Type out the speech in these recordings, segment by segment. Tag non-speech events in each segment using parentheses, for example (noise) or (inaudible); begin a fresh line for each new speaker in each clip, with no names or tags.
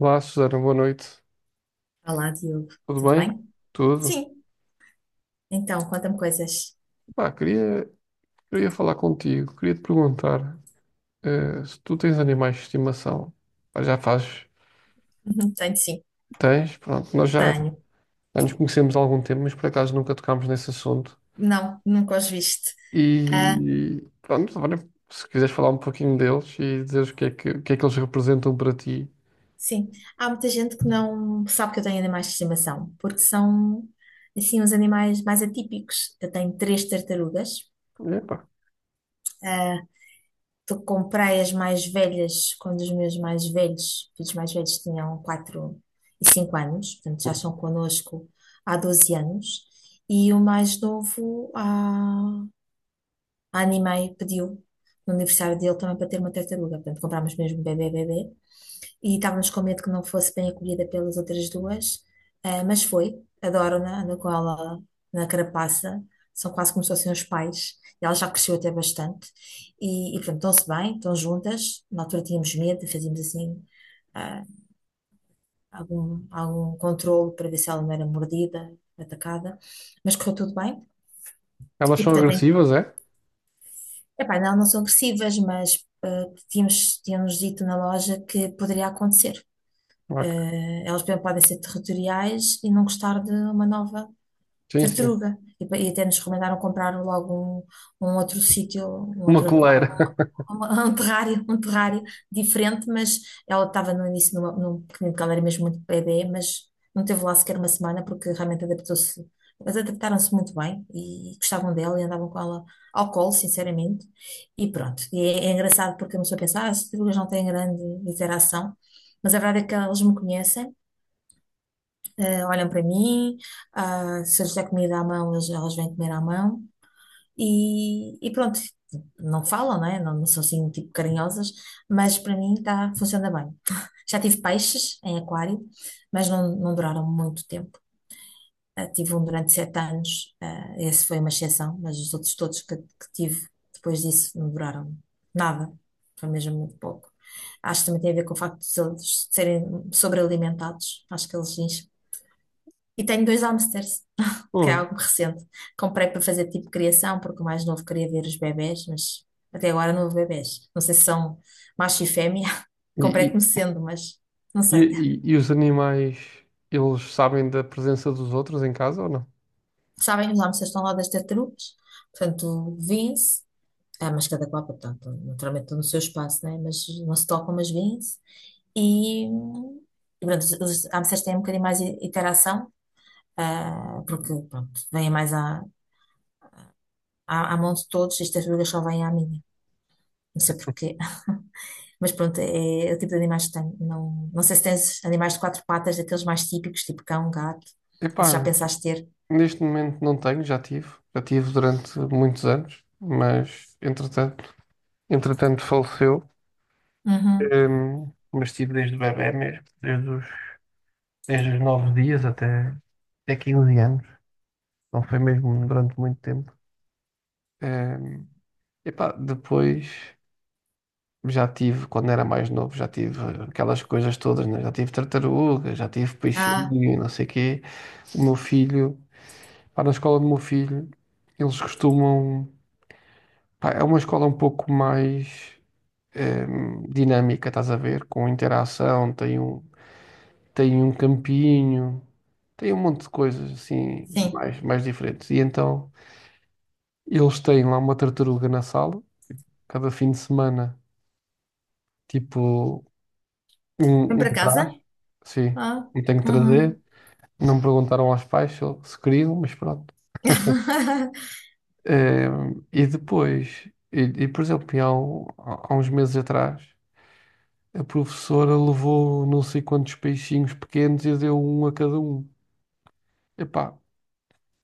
Olá, Susana, boa noite.
Olá, Diogo.
Tudo
Tudo
bem?
bem?
Tudo?
Sim. Então, conta-me coisas. (laughs)
Pá, queria falar contigo, queria te perguntar se tu tens animais de estimação. Pá, já fazes?
Uhum, tenho sim.
Tens? Pronto, nós já,
Tenho.
já nos conhecemos há algum tempo, mas por acaso nunca tocámos nesse assunto.
Não, nunca os viste. Ah,
E pronto, agora, se quiseres falar um pouquinho deles e dizer o que é que eles representam para ti.
sim. Há muita gente que não sabe que eu tenho animais de estimação, porque são, assim, os animais mais atípicos. Eu tenho três tartarugas.
Epá,
Ah, tu comprei as mais velhas quando os meus mais velhos, filhos mais velhos, tinham 4 e 5 anos. Portanto, já estão connosco há 12 anos. E o mais novo a Animai pediu no aniversário dele também para ter uma tartaruga. Portanto, comprámos mesmo bebê, bebê. E estávamos com medo que não fosse bem acolhida pelas outras duas, mas foi. Adoro-na, ando com ela na carapaça. São quase como se fossem os pais. E ela já cresceu até bastante. E portanto, estão-se bem, estão juntas. Na altura tínhamos medo, fazíamos assim ah, algum controle para ver se ela não era mordida, atacada. Mas correu tudo bem.
elas
E,
são
portanto,
agressivas, é?
epá, não, não são agressivas, mas tínhamos dito na loja que poderia acontecer.
Ok.
Elas, por exemplo, podem ser territoriais e não gostar de uma nova
Sim, sim.
tartaruga. E até nos recomendaram comprar logo um outro sítio, um
Uma
outro
coleira.
aquário,
(laughs)
(laughs) um terrário diferente, mas ela estava no início numa, num pequenino, porque ela era mesmo muito bebê, mas não teve lá sequer uma semana porque realmente adaptou-se. Mas adaptaram-se muito bem e gostavam dela e andavam com ela ao colo, sinceramente. E pronto, e é engraçado porque a pessoa pensa, ah, as tartarugas não têm grande interação, mas a verdade é que elas me conhecem, olham para mim, ah, se eu lhes der comida à mão, elas vêm comer à mão e pronto, não falam, não é? Não, não são assim tipo carinhosas, mas para mim tá, funciona bem. (laughs) Já tive peixes em aquário, mas não, não duraram muito tempo. Ah, tive um durante 7 anos, ah, esse foi uma exceção, mas os outros todos que tive depois disso não duraram nada, foi mesmo muito pouco. Acho que também tem a ver com o facto de eles serem sobrealimentados, acho que eles enchem. E tenho dois hamsters que é
Pô,
algo recente. Comprei para fazer tipo criação, porque o mais novo queria ver os bebés, mas até agora não houve bebés. Não sei se são macho e fêmea. (laughs)
E, e-
Comprei como sendo, mas não
E,
sei.
e os animais, eles sabem da presença dos outros em casa ou não?
Sabem, os hamsters estão lá das tartarugas, portanto, vêm-se. Ah, mas cada qual, portanto, naturalmente estão no seu espaço, né? Mas não se tocam, mas vêm-se. E, pronto, os hamsters têm um bocadinho mais interação, ah, porque, pronto, vêm mais à mão de todos e as tartarugas só vêm à minha. Não sei porquê. Mas pronto, é, o tipo de animais que tenho. Não, não sei se tens animais de quatro patas, daqueles mais típicos, tipo cão, gato, ou
Epá,
se já pensaste ter.
neste momento não tenho, já tive. Já tive durante muitos anos, mas entretanto faleceu.
Uhum.
Mas tive desde bebé mesmo, desde os 9 dias até 15 anos. Não foi mesmo durante muito tempo. Hum, epá, depois. Já tive, quando era mais novo, já tive aquelas coisas todas, né? Já tive tartaruga, já tive
Ah,
peixinho, e não sei o quê. O meu filho, pá, na escola do meu filho, eles costumam. Pá, é uma escola um pouco mais dinâmica, estás a ver? Com interação, tem um campinho, tem um monte de coisas assim,
sim.
mais diferentes. E então, eles têm lá uma tartaruga na sala, cada fim de semana, tipo,
Vem
um
para casa?
traje, sim,
Ah,
e tenho que
uhum.
trazer. Não perguntaram aos pais se queriam, mas pronto.
(laughs)
Eh, e depois, por exemplo, há uns meses atrás, a professora levou não sei quantos peixinhos pequenos e deu um a cada um. Epá,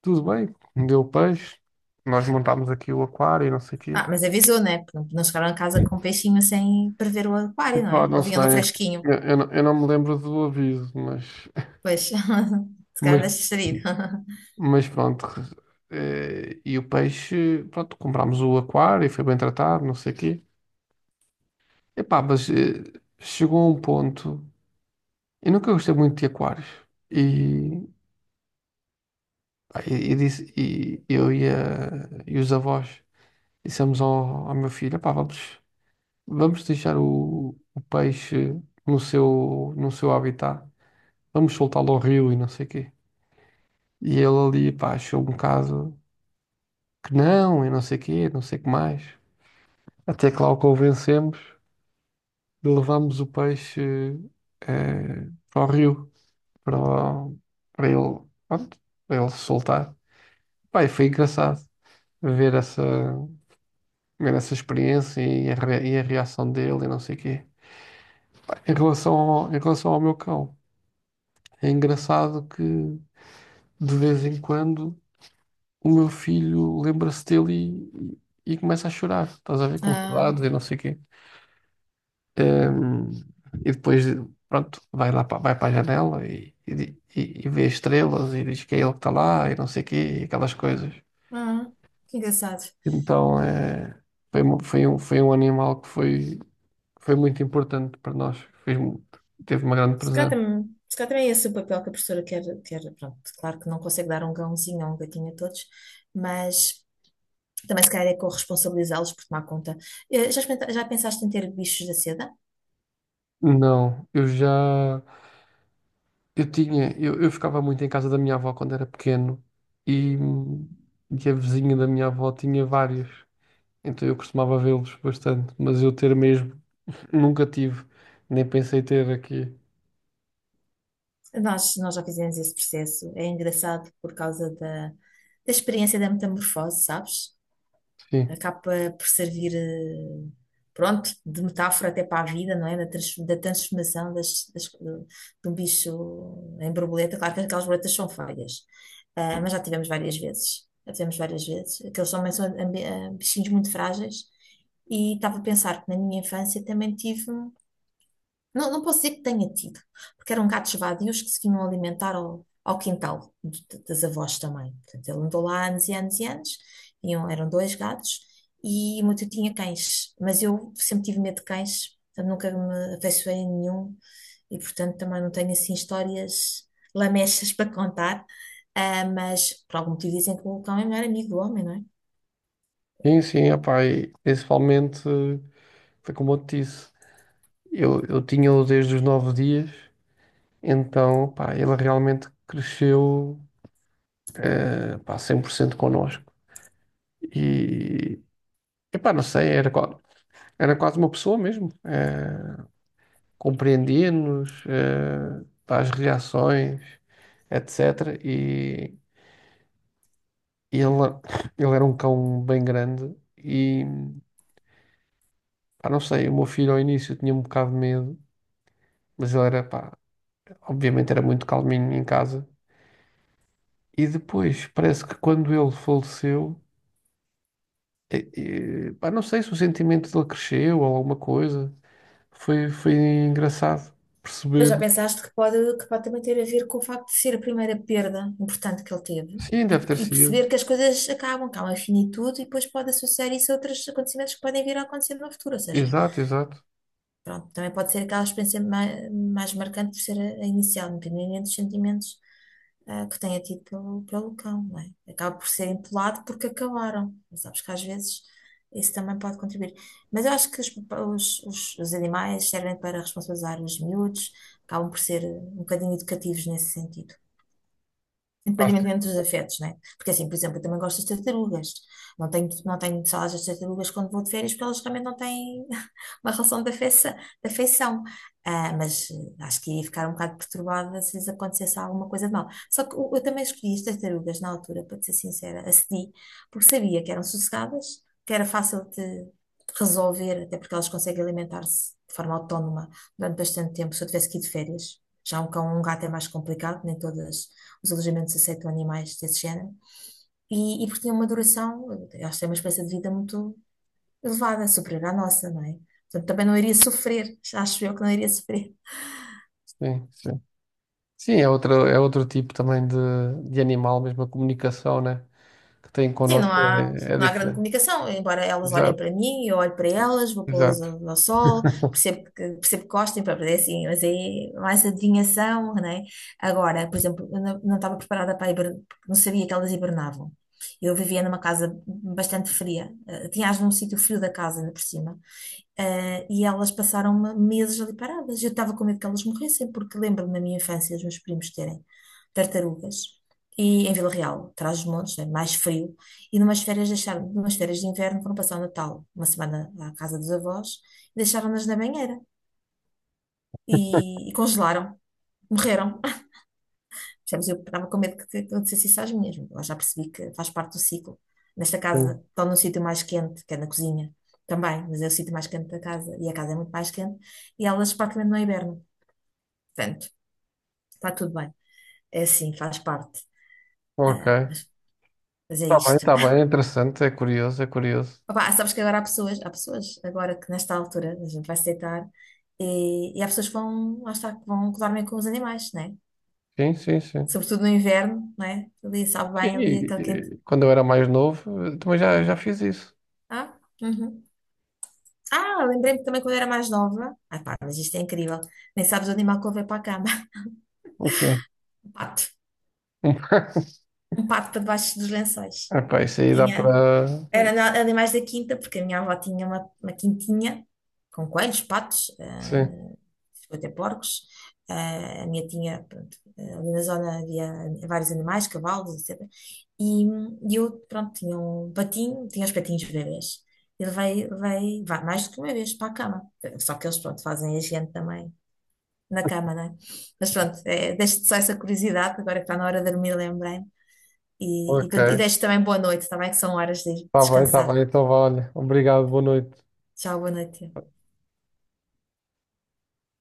tudo bem, deu peixe, nós montámos aqui o aquário e não sei o
Ah,
quê.
mas avisou, né? Pronto, não chegaram a casa com um peixinho sem prever o aquário, não
Epá,
é?
não
Ou vinha no
sei,
fresquinho.
eu não me lembro do aviso, mas, (laughs)
Pois, (laughs) se calhar
mas
deixa sair. (laughs)
Mas pronto, e o peixe, pronto, comprámos o aquário e foi bem tratado, não sei o quê. Epá, mas chegou a um ponto, eu nunca gostei muito de aquários. E, pá, e disse, e eu e, a- e os avós dissemos ao meu filho, epá, vamos deixar o peixe no seu habitat, vamos soltá-lo ao rio e não sei o quê. E ele ali, pá, achou um bocado que não, e não sei o quê, não sei o que mais. Até que lá o convencemos. Levámos o peixe para o rio, para, o- para ele, pronto, para ele se soltar. Pai, foi engraçado ver essa, ver essa experiência e a reação dele e não sei o quê. Em relação ao meu cão, é engraçado que de vez em quando o meu filho lembra-se dele e, e começa a chorar. Estás a ver, com
Ah,
saudades e não sei o quê. Hum, e depois, pronto, vai para a janela e, e vê estrelas e diz que é ele que está lá e não sei o quê, e aquelas coisas.
ah, que engraçado.
Então, foi um animal que foi muito importante para nós, fez, mu- teve uma grande
Se calhar
presença.
também, se calhar também é esse o papel que a professora quer, pronto, claro que não consegue dar um gãozinho ou um gatinho a todos, mas também se calhar é corresponsabilizá-los por tomar conta. Já, já pensaste em ter bichos da seda?
Não, eu já, eu tinha, eu ficava muito em casa da minha avó quando era pequeno e, e a vizinha da minha avó tinha vários. Então eu costumava vê-los bastante, mas eu ter mesmo (laughs) nunca tive, nem pensei ter aqui.
Nós já fizemos esse processo. É engraçado por causa da experiência da metamorfose, sabes?
Sim,
Acaba por servir, pronto, de metáfora até para a vida, não é? Da transformação de um bicho em borboleta. Claro que aquelas borboletas são feias, ah, mas já tivemos várias vezes. Já tivemos várias vezes. Aqueles também são ah, bichinhos muito frágeis. E estava a pensar que na minha infância também tive. Não, não posso dizer que tenha tido, porque eram gatos vadios que se vinham alimentar ao quintal das avós também. Portanto, ele andou lá anos e anos e anos, tinham, eram dois gatos, e o meu tio tinha cães, mas eu sempre tive medo de cães, portanto, nunca me afeiçoei a nenhum, e portanto também não tenho assim histórias lamechas para contar. Ah, mas por algum motivo dizem que o cão é o melhor amigo do homem, não é?
sim, sim, opá, e principalmente foi como eu te disse, eu tinha-o desde os 9 dias, então pá, ele realmente cresceu, pá, 100% connosco. E epá, não sei, era quase uma pessoa mesmo, compreendia-nos, pá, as reações etc. E E ele, ele era um cão bem grande e, pá, não sei, o meu filho ao início tinha um bocado de medo, mas ele era, pá, obviamente era muito calminho em casa. E depois, parece que quando ele faleceu, eh, pá, não sei se o sentimento dele cresceu ou alguma coisa, foi engraçado
Mas
perceber.
já pensaste que pode também ter a ver com o facto de ser a primeira perda importante que ele teve
Sim, deve ter
e
sido.
perceber que as coisas acabam, que há uma finitude e depois pode associar isso a outros acontecimentos que podem vir a acontecer no futuro. Ou seja,
Exato, exato.
pronto, também pode ser aquela experiência mais marcante por ser a inicial, independente dos sentimentos que tenha tido pelo cão, não é? Acaba por ser empolado porque acabaram. Mas sabes que às vezes isso também pode contribuir. Mas eu acho que os animais servem para responsabilizar os miúdos, acabam por ser um bocadinho educativos nesse sentido
Ah, sim,
independentemente dos afetos, né? Porque assim, por exemplo, eu também gosto das tartarugas. Não tenho salas das tartarugas quando vou de férias, porque elas realmente não têm (laughs) uma relação de de afeição. Ah, mas acho que ia ficar um bocado perturbada se lhes acontecesse alguma coisa de mal. Só que eu também escolhi as tartarugas na altura, para te ser sincera, acedi, porque sabia que eram sossegadas, que era fácil de resolver, até porque elas conseguem alimentar-se de forma autónoma durante bastante tempo. Se eu tivesse que ir de férias, já um cão ou um gato é mais complicado, nem todas os alojamentos aceitam animais desse género, e porque tinha uma duração, elas têm uma esperança de vida muito elevada, superior à nossa, não é? Portanto, também não iria sofrer, (laughs) acho eu que não iria sofrer.
sim. Sim, sim, é outro tipo também de animal, mesmo a comunicação, né, que tem
Sim, não
connosco
há,
é
não há grande
diferente.
comunicação, embora elas olhem para
Exato.
mim, eu olho para elas, vou pô-las
Exato.
ao sol,
(laughs)
percebo que gostem, pá, é assim, mas é mais adivinhação, não é? Agora, por exemplo, eu não estava preparada para hibernar, porque não sabia que elas hibernavam. Eu vivia numa casa bastante fria, tinha as num sítio frio da casa, ainda por cima. E elas passaram meses ali paradas. Eu estava com medo que elas morressem, porque lembro-me na minha infância os meus primos terem tartarugas. E em Vila Real, atrás dos montes, é mais frio. E numas férias deixaram, numas férias de inverno foram passar o Natal, uma semana à casa dos avós, e deixaram-nas na banheira e congelaram, morreram. Percebes? Eu estava com medo que acontecesse isso às minhas. Agora já percebi que faz parte do ciclo. Nesta
Sim.
casa, estão num sítio mais quente, que é na cozinha também, mas é o sítio mais quente da casa e a casa é muito mais quente e elas praticamente não hibernam. Portanto, está tudo bem. É assim, faz parte.
Ok. Está
Mas é
bem,
isto.
está bem. É interessante, é curioso, é curioso.
(laughs) Opa, sabes que agora há pessoas agora que nesta altura a gente vai se deitar e há pessoas que vão, lá está, que vão dormir com os animais, né?
Sim, sim, sim.
Sobretudo no inverno, né? Ali sabe
Sim,
bem, ali
e-
aquele quente.
e quando eu era mais novo, eu também já fiz isso.
Ah, uhum. Ah, lembrei-me também quando era mais nova. Ai, pá, mas isto é incrível. Nem sabes o animal que eu levei para a cama. (laughs)
Ok.
Um pato.
(laughs)
Um pato para debaixo dos lençóis.
Epá, isso aí dá
Tinha.
para.
Era animais da quinta, porque a minha avó tinha uma quintinha com coelhos, patos,
(laughs) Sim.
chegou a ter porcos. Ah, a minha tinha, pronto, ah, ali na zona havia vários animais, cavalos, etc. E, e eu, pronto, tinha um patinho, tinha os patinhos bebês. Ele vai mais do que uma vez para a cama. Só que eles, pronto, fazem a gente também. Na cama, não é? Mas pronto, é, deixo-te só essa curiosidade, agora que está na hora de dormir, lembrei-me. E
Ok.
deixo também boa noite, também que são horas de ir
Está bem, está
descansar.
bem. Então, vá, olha. Obrigado, boa noite.
Tchau, boa noite.